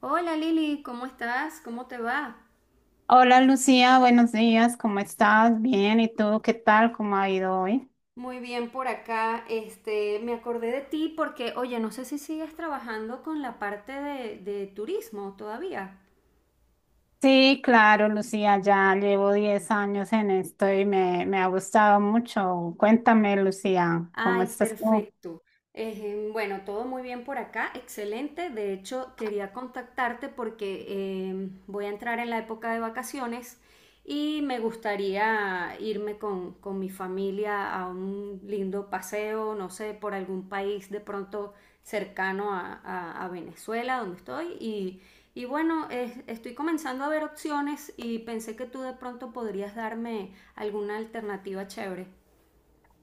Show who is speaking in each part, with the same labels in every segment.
Speaker 1: Hola Lili, ¿cómo estás? ¿Cómo te va?
Speaker 2: Hola Lucía, buenos días, ¿cómo estás? Bien, ¿y tú qué tal? ¿Cómo ha ido hoy?
Speaker 1: Muy bien por acá. Este, me acordé de ti porque, oye, no sé si sigues trabajando con la parte de turismo todavía.
Speaker 2: Sí, claro, Lucía, ya llevo 10 años en esto y me ha gustado mucho. Cuéntame, Lucía, ¿cómo
Speaker 1: Ay,
Speaker 2: estás tú?
Speaker 1: perfecto. Bueno, todo muy bien por acá, excelente. De hecho, quería contactarte porque voy a entrar en la época de vacaciones y me gustaría irme con mi familia a un lindo paseo, no sé, por algún país de pronto cercano a Venezuela, donde estoy. Y bueno, estoy comenzando a ver opciones y pensé que tú de pronto podrías darme alguna alternativa chévere.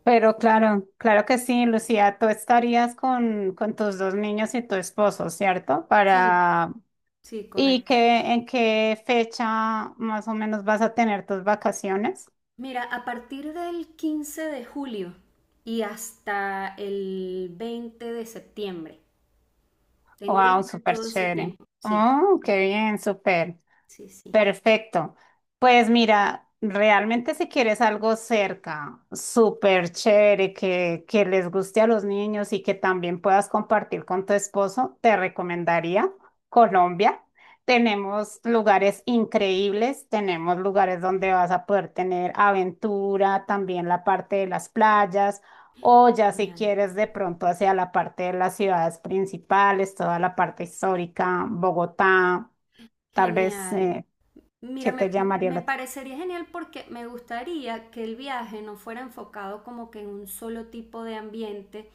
Speaker 2: Pero claro, claro que sí, Lucía, tú estarías con tus dos niños y tu esposo, ¿cierto?
Speaker 1: Sí,
Speaker 2: Para.
Speaker 1: sí,
Speaker 2: ¿Y
Speaker 1: correcto.
Speaker 2: en qué fecha más o menos vas a tener tus vacaciones?
Speaker 1: Mira, a partir del 15 de julio y hasta el 20 de septiembre. Tengo
Speaker 2: Wow,
Speaker 1: libre
Speaker 2: súper
Speaker 1: todo ese
Speaker 2: chévere.
Speaker 1: tiempo. Sí,
Speaker 2: Oh, qué bien, súper.
Speaker 1: sí, sí.
Speaker 2: Perfecto. Pues mira, realmente si quieres algo cerca, súper chévere, que les guste a los niños y que también puedas compartir con tu esposo, te recomendaría Colombia. Tenemos lugares increíbles, tenemos lugares donde vas a poder tener aventura, también la parte de las playas. O ya si
Speaker 1: Genial.
Speaker 2: quieres de pronto hacia la parte de las ciudades principales, toda la parte histórica, Bogotá, tal vez,
Speaker 1: Genial. Mira,
Speaker 2: ¿qué te llamaría
Speaker 1: me
Speaker 2: la atención?
Speaker 1: parecería genial porque me gustaría que el viaje no fuera enfocado como que en un solo tipo de ambiente.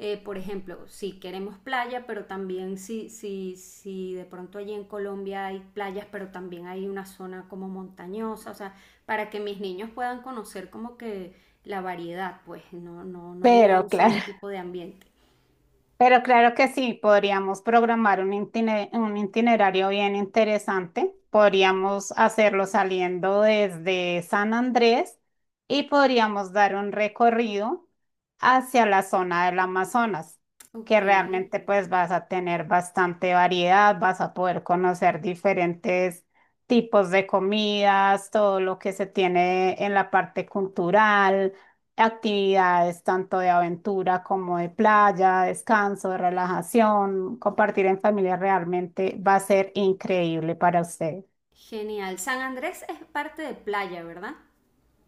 Speaker 1: Por ejemplo, si queremos playa, pero también si de pronto allí en Colombia hay playas, pero también hay una zona como montañosa, o sea, para que mis niños puedan conocer como que la variedad, pues no ir a
Speaker 2: Pero
Speaker 1: un
Speaker 2: claro,
Speaker 1: solo tipo de ambiente.
Speaker 2: pero claro que sí, podríamos programar un un itinerario bien interesante. Podríamos hacerlo saliendo desde San Andrés y podríamos dar un recorrido hacia la zona del Amazonas, que
Speaker 1: Ok,
Speaker 2: realmente pues vas a tener bastante variedad, vas a poder conocer diferentes tipos de comidas, todo lo que se tiene en la parte cultural, actividades tanto de aventura como de playa, descanso, de relajación, compartir en familia realmente va a ser increíble para usted.
Speaker 1: genial. San Andrés es parte de playa, ¿verdad?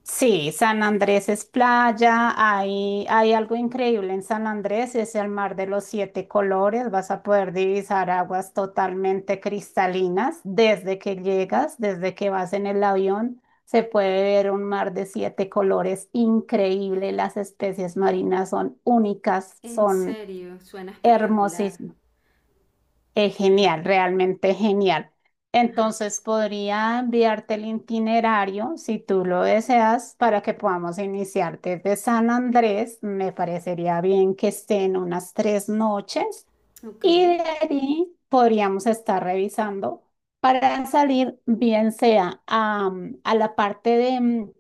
Speaker 2: Sí, San Andrés es playa, hay algo increíble en San Andrés, es el mar de los siete colores, vas a poder divisar aguas totalmente cristalinas desde que llegas, desde que vas en el avión, se puede ver un mar de siete colores increíble, las especies marinas son únicas,
Speaker 1: En
Speaker 2: son.
Speaker 1: serio, suena espectacular.
Speaker 2: Hermosísimo. Es genial, realmente genial. Entonces podría enviarte el itinerario si tú lo deseas para que podamos iniciar desde San Andrés. Me parecería bien que estén unas 3 noches
Speaker 1: Ok.
Speaker 2: y de ahí podríamos estar revisando para salir bien sea a la parte de,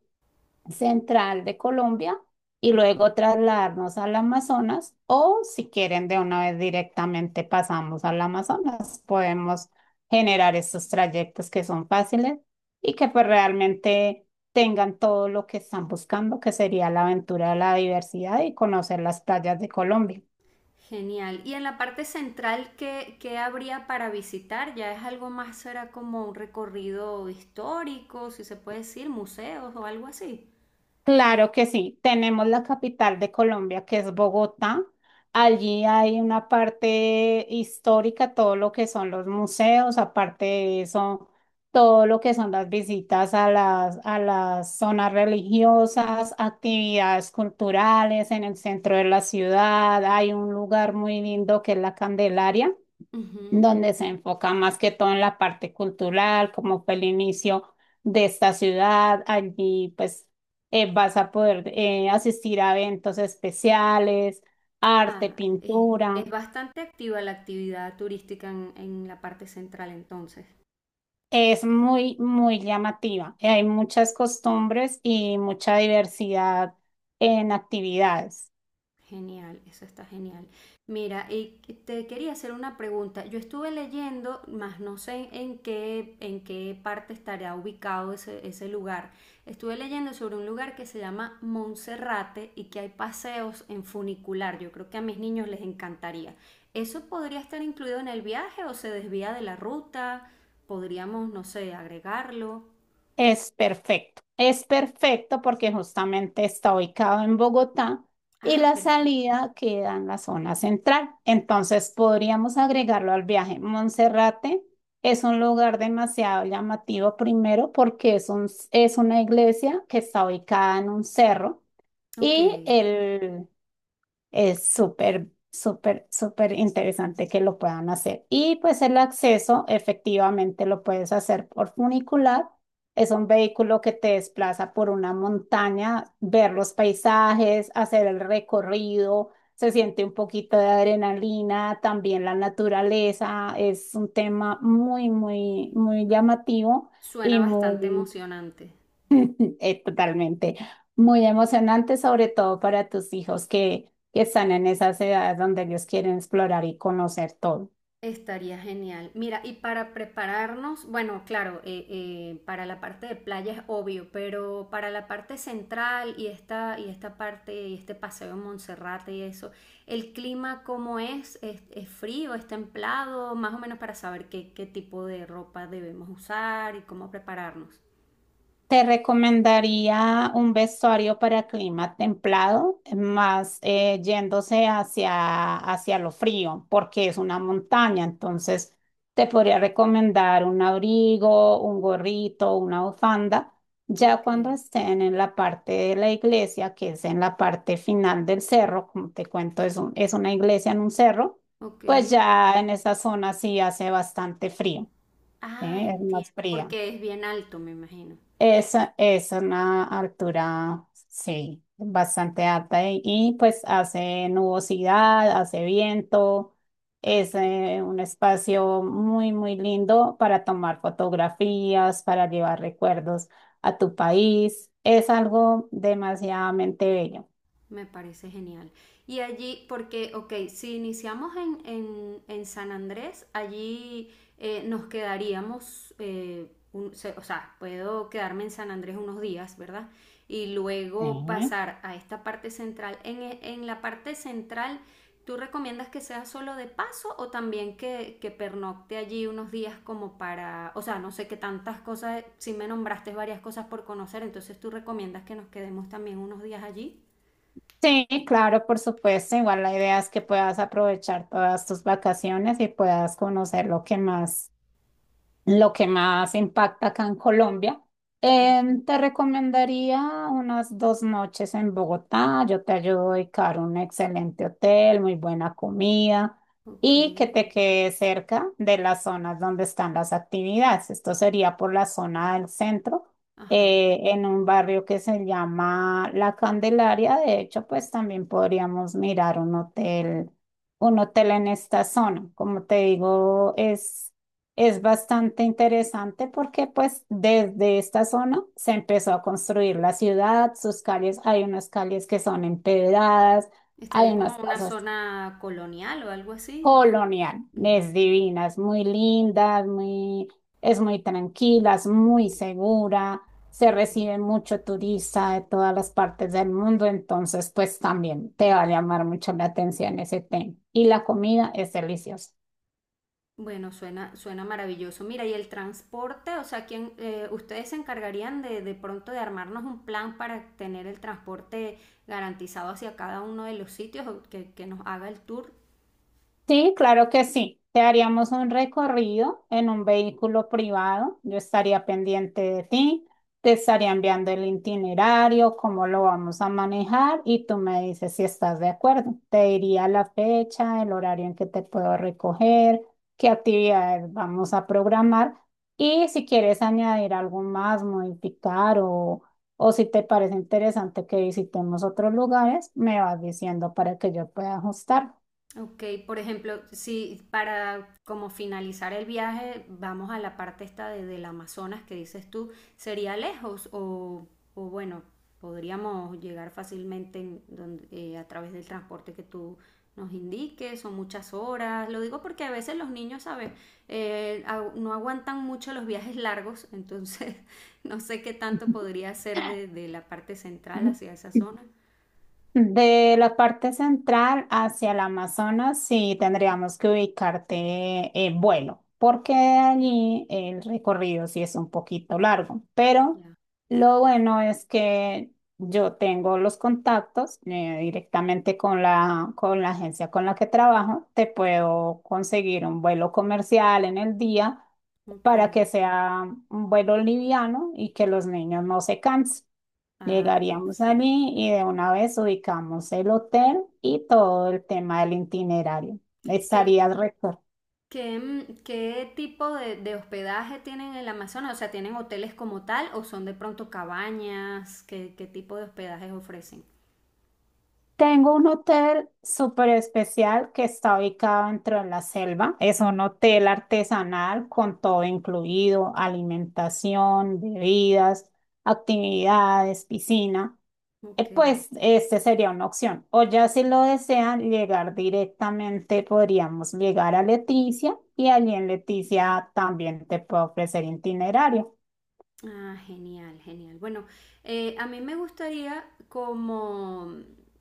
Speaker 2: central de Colombia y luego trasladarnos al Amazonas o si quieren de una vez directamente pasamos al Amazonas. Podemos generar estos trayectos que son fáciles y que pues realmente tengan todo lo que están buscando, que sería la aventura de la diversidad y conocer las playas de Colombia.
Speaker 1: Genial. Y en la parte central, ¿ qué habría para visitar? ¿Ya es algo más, será como un recorrido histórico, si se puede decir, museos o algo así?
Speaker 2: Claro que sí, tenemos la capital de Colombia, que es Bogotá. Allí hay una parte histórica, todo lo que son los museos, aparte de eso, todo lo que son las visitas a las zonas religiosas, actividades culturales en el centro de la ciudad. Hay un lugar muy lindo que es la Candelaria,
Speaker 1: Ujú.
Speaker 2: donde se enfoca más que todo en la parte cultural, como fue el inicio de esta ciudad. Allí pues vas a poder asistir a eventos especiales, arte,
Speaker 1: Ah, es,
Speaker 2: pintura.
Speaker 1: es bastante activa la actividad turística en la parte central entonces.
Speaker 2: Es muy, muy llamativa. Hay muchas costumbres y mucha diversidad en actividades.
Speaker 1: Genial, eso está genial. Mira, y te quería hacer una pregunta. Yo estuve leyendo, más no sé en qué parte estará ubicado ese lugar. Estuve leyendo sobre un lugar que se llama Monserrate y que hay paseos en funicular. Yo creo que a mis niños les encantaría. ¿Eso podría estar incluido en el viaje o se desvía de la ruta? Podríamos, no sé, agregarlo.
Speaker 2: Es perfecto porque justamente está ubicado en Bogotá y
Speaker 1: Ah,
Speaker 2: la
Speaker 1: perfecto.
Speaker 2: salida queda en la zona central. Entonces podríamos agregarlo al viaje. Monserrate es un lugar demasiado llamativo, primero porque es es una iglesia que está ubicada en un cerro
Speaker 1: Ok,
Speaker 2: y es súper, súper, súper interesante que lo puedan hacer. Y pues el acceso efectivamente lo puedes hacer por funicular. Es un vehículo que te desplaza por una montaña, ver los paisajes, hacer el recorrido, se siente un poquito de adrenalina, también la naturaleza. Es un tema muy, muy, muy llamativo
Speaker 1: suena
Speaker 2: y
Speaker 1: bastante
Speaker 2: muy
Speaker 1: emocionante.
Speaker 2: Totalmente. Muy emocionante, sobre todo para tus hijos que están en esas edades donde ellos quieren explorar y conocer todo.
Speaker 1: Estaría genial. Mira, y para prepararnos, bueno, claro, para la parte de playa es obvio, pero para la parte central y esta parte, y este paseo en Monserrate y eso, ¿el clima cómo es? ¿ Es frío? ¿Es templado? Más o menos para saber qué tipo de ropa debemos usar y cómo prepararnos.
Speaker 2: Te recomendaría un vestuario para clima templado, más yéndose hacia lo frío, porque es una montaña. Entonces, te podría recomendar un abrigo, un gorrito, una bufanda. Ya
Speaker 1: Ok,
Speaker 2: cuando estén en la parte de la iglesia, que es en la parte final del cerro, como te cuento, es es una iglesia en un cerro,
Speaker 1: ok.
Speaker 2: pues ya en esa zona sí hace bastante frío,
Speaker 1: Ah,
Speaker 2: ¿eh? Es
Speaker 1: entiendo,
Speaker 2: más fría.
Speaker 1: porque es bien alto, me imagino.
Speaker 2: Esa es una altura, sí, bastante alta y, pues hace nubosidad, hace viento,
Speaker 1: Ah,
Speaker 2: es
Speaker 1: qué rico.
Speaker 2: un espacio muy, muy lindo para tomar fotografías, para llevar recuerdos a tu país. Es algo demasiadamente bello.
Speaker 1: Me parece genial. Y allí, porque, ok, si iniciamos en San Andrés, allí nos quedaríamos, o sea, puedo quedarme en San Andrés unos días, ¿verdad? Y luego
Speaker 2: Ujú.
Speaker 1: pasar a esta parte central. En la parte central, ¿tú recomiendas que sea solo de paso o también que pernocte allí unos días como para, o sea, no sé qué tantas cosas, si me nombraste varias cosas por conocer, entonces tú recomiendas que nos quedemos también unos días allí?
Speaker 2: Sí, claro, por supuesto. Igual la idea es que puedas aprovechar todas tus vacaciones y puedas conocer lo que más impacta acá en Colombia.
Speaker 1: Perfecto.
Speaker 2: Te recomendaría unas 2 noches en Bogotá. Yo te ayudo a dedicar un excelente hotel, muy buena comida
Speaker 1: Ok,
Speaker 2: y que te quede cerca de las zonas donde están las actividades. Esto sería por la zona del centro,
Speaker 1: ajá.
Speaker 2: en un barrio que se llama La Candelaria. De hecho, pues también podríamos mirar un hotel en esta zona. Como te digo, es bastante interesante porque pues desde esta zona se empezó a construir la ciudad, sus calles, hay unas calles que son empedradas, hay
Speaker 1: Estaría como
Speaker 2: unas
Speaker 1: una
Speaker 2: casas
Speaker 1: zona colonial o algo así.
Speaker 2: coloniales
Speaker 1: Ujú,
Speaker 2: divinas, muy lindas, muy, es muy tranquila, es muy segura, se
Speaker 1: ok.
Speaker 2: recibe mucho turista de todas las partes del mundo, entonces pues también te va a llamar mucho la atención ese tema. Y la comida es deliciosa.
Speaker 1: Bueno, suena, suena maravilloso. Mira, y el transporte, o sea, ¿quién, ustedes se encargarían de pronto de armarnos un plan para tener el transporte garantizado hacia cada uno de los sitios o que nos haga el tour?
Speaker 2: Sí, claro que sí. Te haríamos un recorrido en un vehículo privado. Yo estaría pendiente de ti, te estaría enviando el itinerario, cómo lo vamos a manejar y tú me dices si estás de acuerdo. Te diría la fecha, el horario en que te puedo recoger, qué actividades vamos a programar y si quieres añadir algo más, modificar o si te parece interesante que visitemos otros lugares, me vas diciendo para que yo pueda ajustar.
Speaker 1: Ok, por ejemplo, si para como finalizar el viaje vamos a la parte esta del Amazonas que dices tú, ¿sería lejos o bueno, podríamos llegar fácilmente a través del transporte que tú nos indiques? Son muchas horas. Lo digo porque a veces los niños, ¿sabes? No aguantan mucho los viajes largos, entonces no sé qué tanto podría ser de la parte central hacia esa zona.
Speaker 2: De la parte central hacia el Amazonas, sí tendríamos que ubicarte en vuelo, porque allí el recorrido sí es un poquito largo, pero
Speaker 1: Ya.
Speaker 2: lo bueno es que yo tengo los contactos directamente con la agencia con la que trabajo, te puedo conseguir un vuelo comercial en el día
Speaker 1: Ok.
Speaker 2: para que sea un vuelo liviano y que los niños no se cansen.
Speaker 1: Ah,
Speaker 2: Llegaríamos
Speaker 1: perfecto.
Speaker 2: allí y de una vez ubicamos el hotel y todo el tema del itinerario.
Speaker 1: ¿Qué,
Speaker 2: Estarías récord.
Speaker 1: Qué tipo de hospedaje tienen en el Amazonas? O sea, ¿tienen hoteles como tal o son de pronto cabañas? ¿ Qué tipo de hospedajes ofrecen?
Speaker 2: Tengo un hotel súper especial que está ubicado dentro de la selva. Es un hotel artesanal con todo incluido, alimentación, bebidas, actividades, piscina.
Speaker 1: Ok.
Speaker 2: Pues este sería una opción. O ya si lo desean llegar directamente, podríamos llegar a Leticia y allí en Leticia también te puedo ofrecer itinerario.
Speaker 1: Ah, genial, genial. Bueno, a mí me gustaría como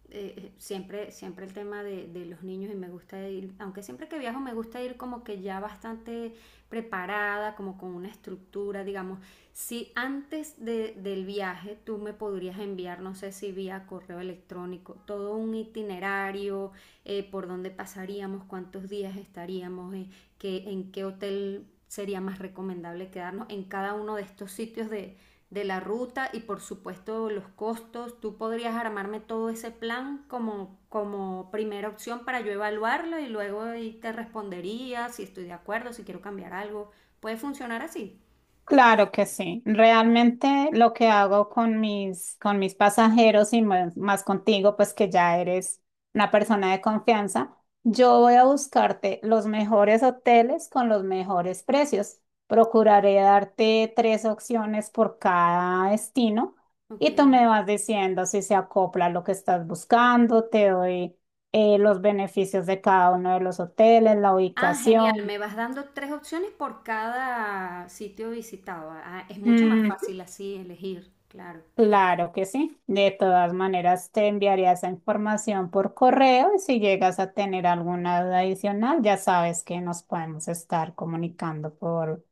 Speaker 1: siempre el tema de los niños y me gusta ir, aunque siempre que viajo me gusta ir como que ya bastante preparada, como con una estructura, digamos. Si del viaje tú me podrías enviar, no sé si vía correo electrónico, todo un itinerario, por dónde pasaríamos, cuántos días estaríamos, en qué hotel sería más recomendable quedarnos en cada uno de estos sitios de la ruta y por supuesto los costos. Tú podrías armarme todo ese plan como primera opción para yo evaluarlo y luego ahí te respondería si estoy de acuerdo, si quiero cambiar algo. ¿Puede funcionar así?
Speaker 2: Claro que sí. Realmente lo que hago con mis pasajeros y más, más contigo, pues que ya eres una persona de confianza, yo voy a buscarte los mejores hoteles con los mejores precios. Procuraré darte tres opciones por cada destino
Speaker 1: Ok.
Speaker 2: y tú me vas diciendo si se acopla a lo que estás buscando, te doy los beneficios de cada uno de los hoteles, la
Speaker 1: Ah, genial.
Speaker 2: ubicación.
Speaker 1: Me vas dando 3 opciones por cada sitio visitado. Ah, es mucho más fácil así elegir, claro.
Speaker 2: Claro que sí. De todas maneras, te enviaré esa información por correo y si llegas a tener alguna duda adicional, ya sabes que nos podemos estar comunicando por,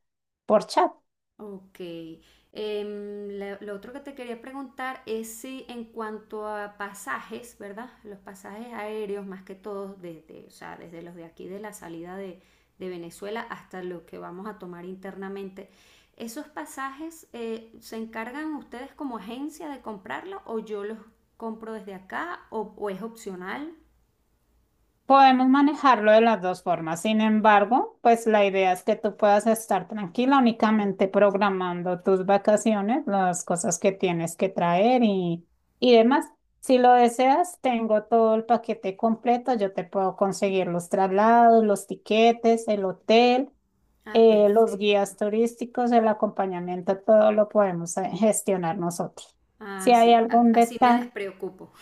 Speaker 2: por chat.
Speaker 1: Ok. Lo otro que te quería preguntar es si en cuanto a pasajes, ¿verdad? Los pasajes aéreos, más que todos, desde, o sea, desde los de aquí de la salida de Venezuela hasta los que vamos a tomar internamente, ¿esos pasajes se encargan ustedes como agencia de comprarlos o yo los compro desde acá o es opcional?
Speaker 2: Podemos manejarlo de las dos formas. Sin embargo, pues la idea es que tú puedas estar tranquila únicamente programando tus vacaciones, las cosas que tienes que traer y demás. Si lo deseas, tengo todo el paquete completo. Yo te puedo conseguir los traslados, los tiquetes, el hotel,
Speaker 1: Ah,
Speaker 2: los
Speaker 1: perfecto.
Speaker 2: guías turísticos, el acompañamiento, todo lo podemos gestionar nosotros. Si
Speaker 1: Ah,
Speaker 2: hay
Speaker 1: sí. A-
Speaker 2: algún
Speaker 1: así me
Speaker 2: detalle.
Speaker 1: despreocupo.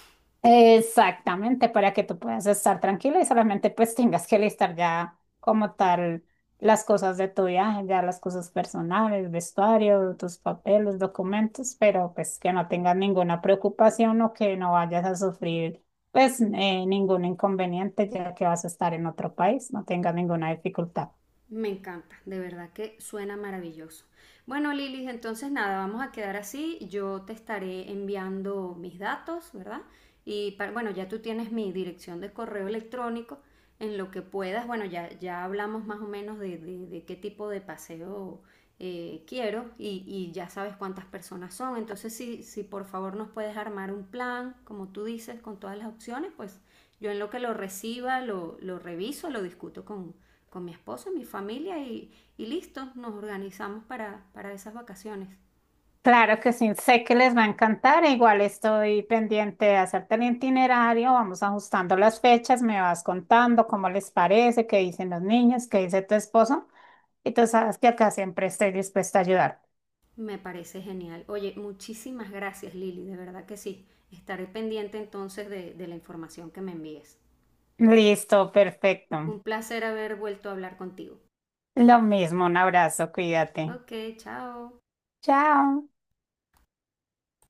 Speaker 2: Exactamente, para que tú puedas estar tranquila y solamente pues tengas que listar ya como tal las cosas de tu viaje, ya las cosas personales, vestuario, tus papeles, documentos, pero pues que no tengas ninguna preocupación o que no vayas a sufrir pues ningún inconveniente, ya que vas a estar en otro país, no tengas ninguna dificultad.
Speaker 1: Me encanta, de verdad que suena maravilloso. Bueno, Lilis, entonces nada, vamos a quedar así. Yo te estaré enviando mis datos, ¿verdad? Bueno, ya tú tienes mi dirección de correo electrónico. En lo que puedas, bueno, ya hablamos más o menos de qué tipo de paseo quiero y ya sabes cuántas personas son. Entonces, si por favor nos puedes armar un plan, como tú dices, con todas las opciones, pues yo en lo que lo reciba, lo reviso, lo discuto con mi esposo, mi familia y listo, nos organizamos para esas vacaciones.
Speaker 2: Claro que sí, sé que les va a encantar. Igual estoy pendiente de hacerte el itinerario. Vamos ajustando las fechas, me vas contando cómo les parece, qué dicen los niños, qué dice tu esposo. Y tú sabes que acá siempre estoy dispuesta a ayudar.
Speaker 1: Me parece genial. Oye, muchísimas gracias Lili, de verdad que sí. Estaré pendiente entonces de la información que me envíes.
Speaker 2: Listo, perfecto.
Speaker 1: Un placer haber vuelto a hablar contigo.
Speaker 2: Lo mismo, un abrazo, cuídate.
Speaker 1: Ok, chao.
Speaker 2: Chao.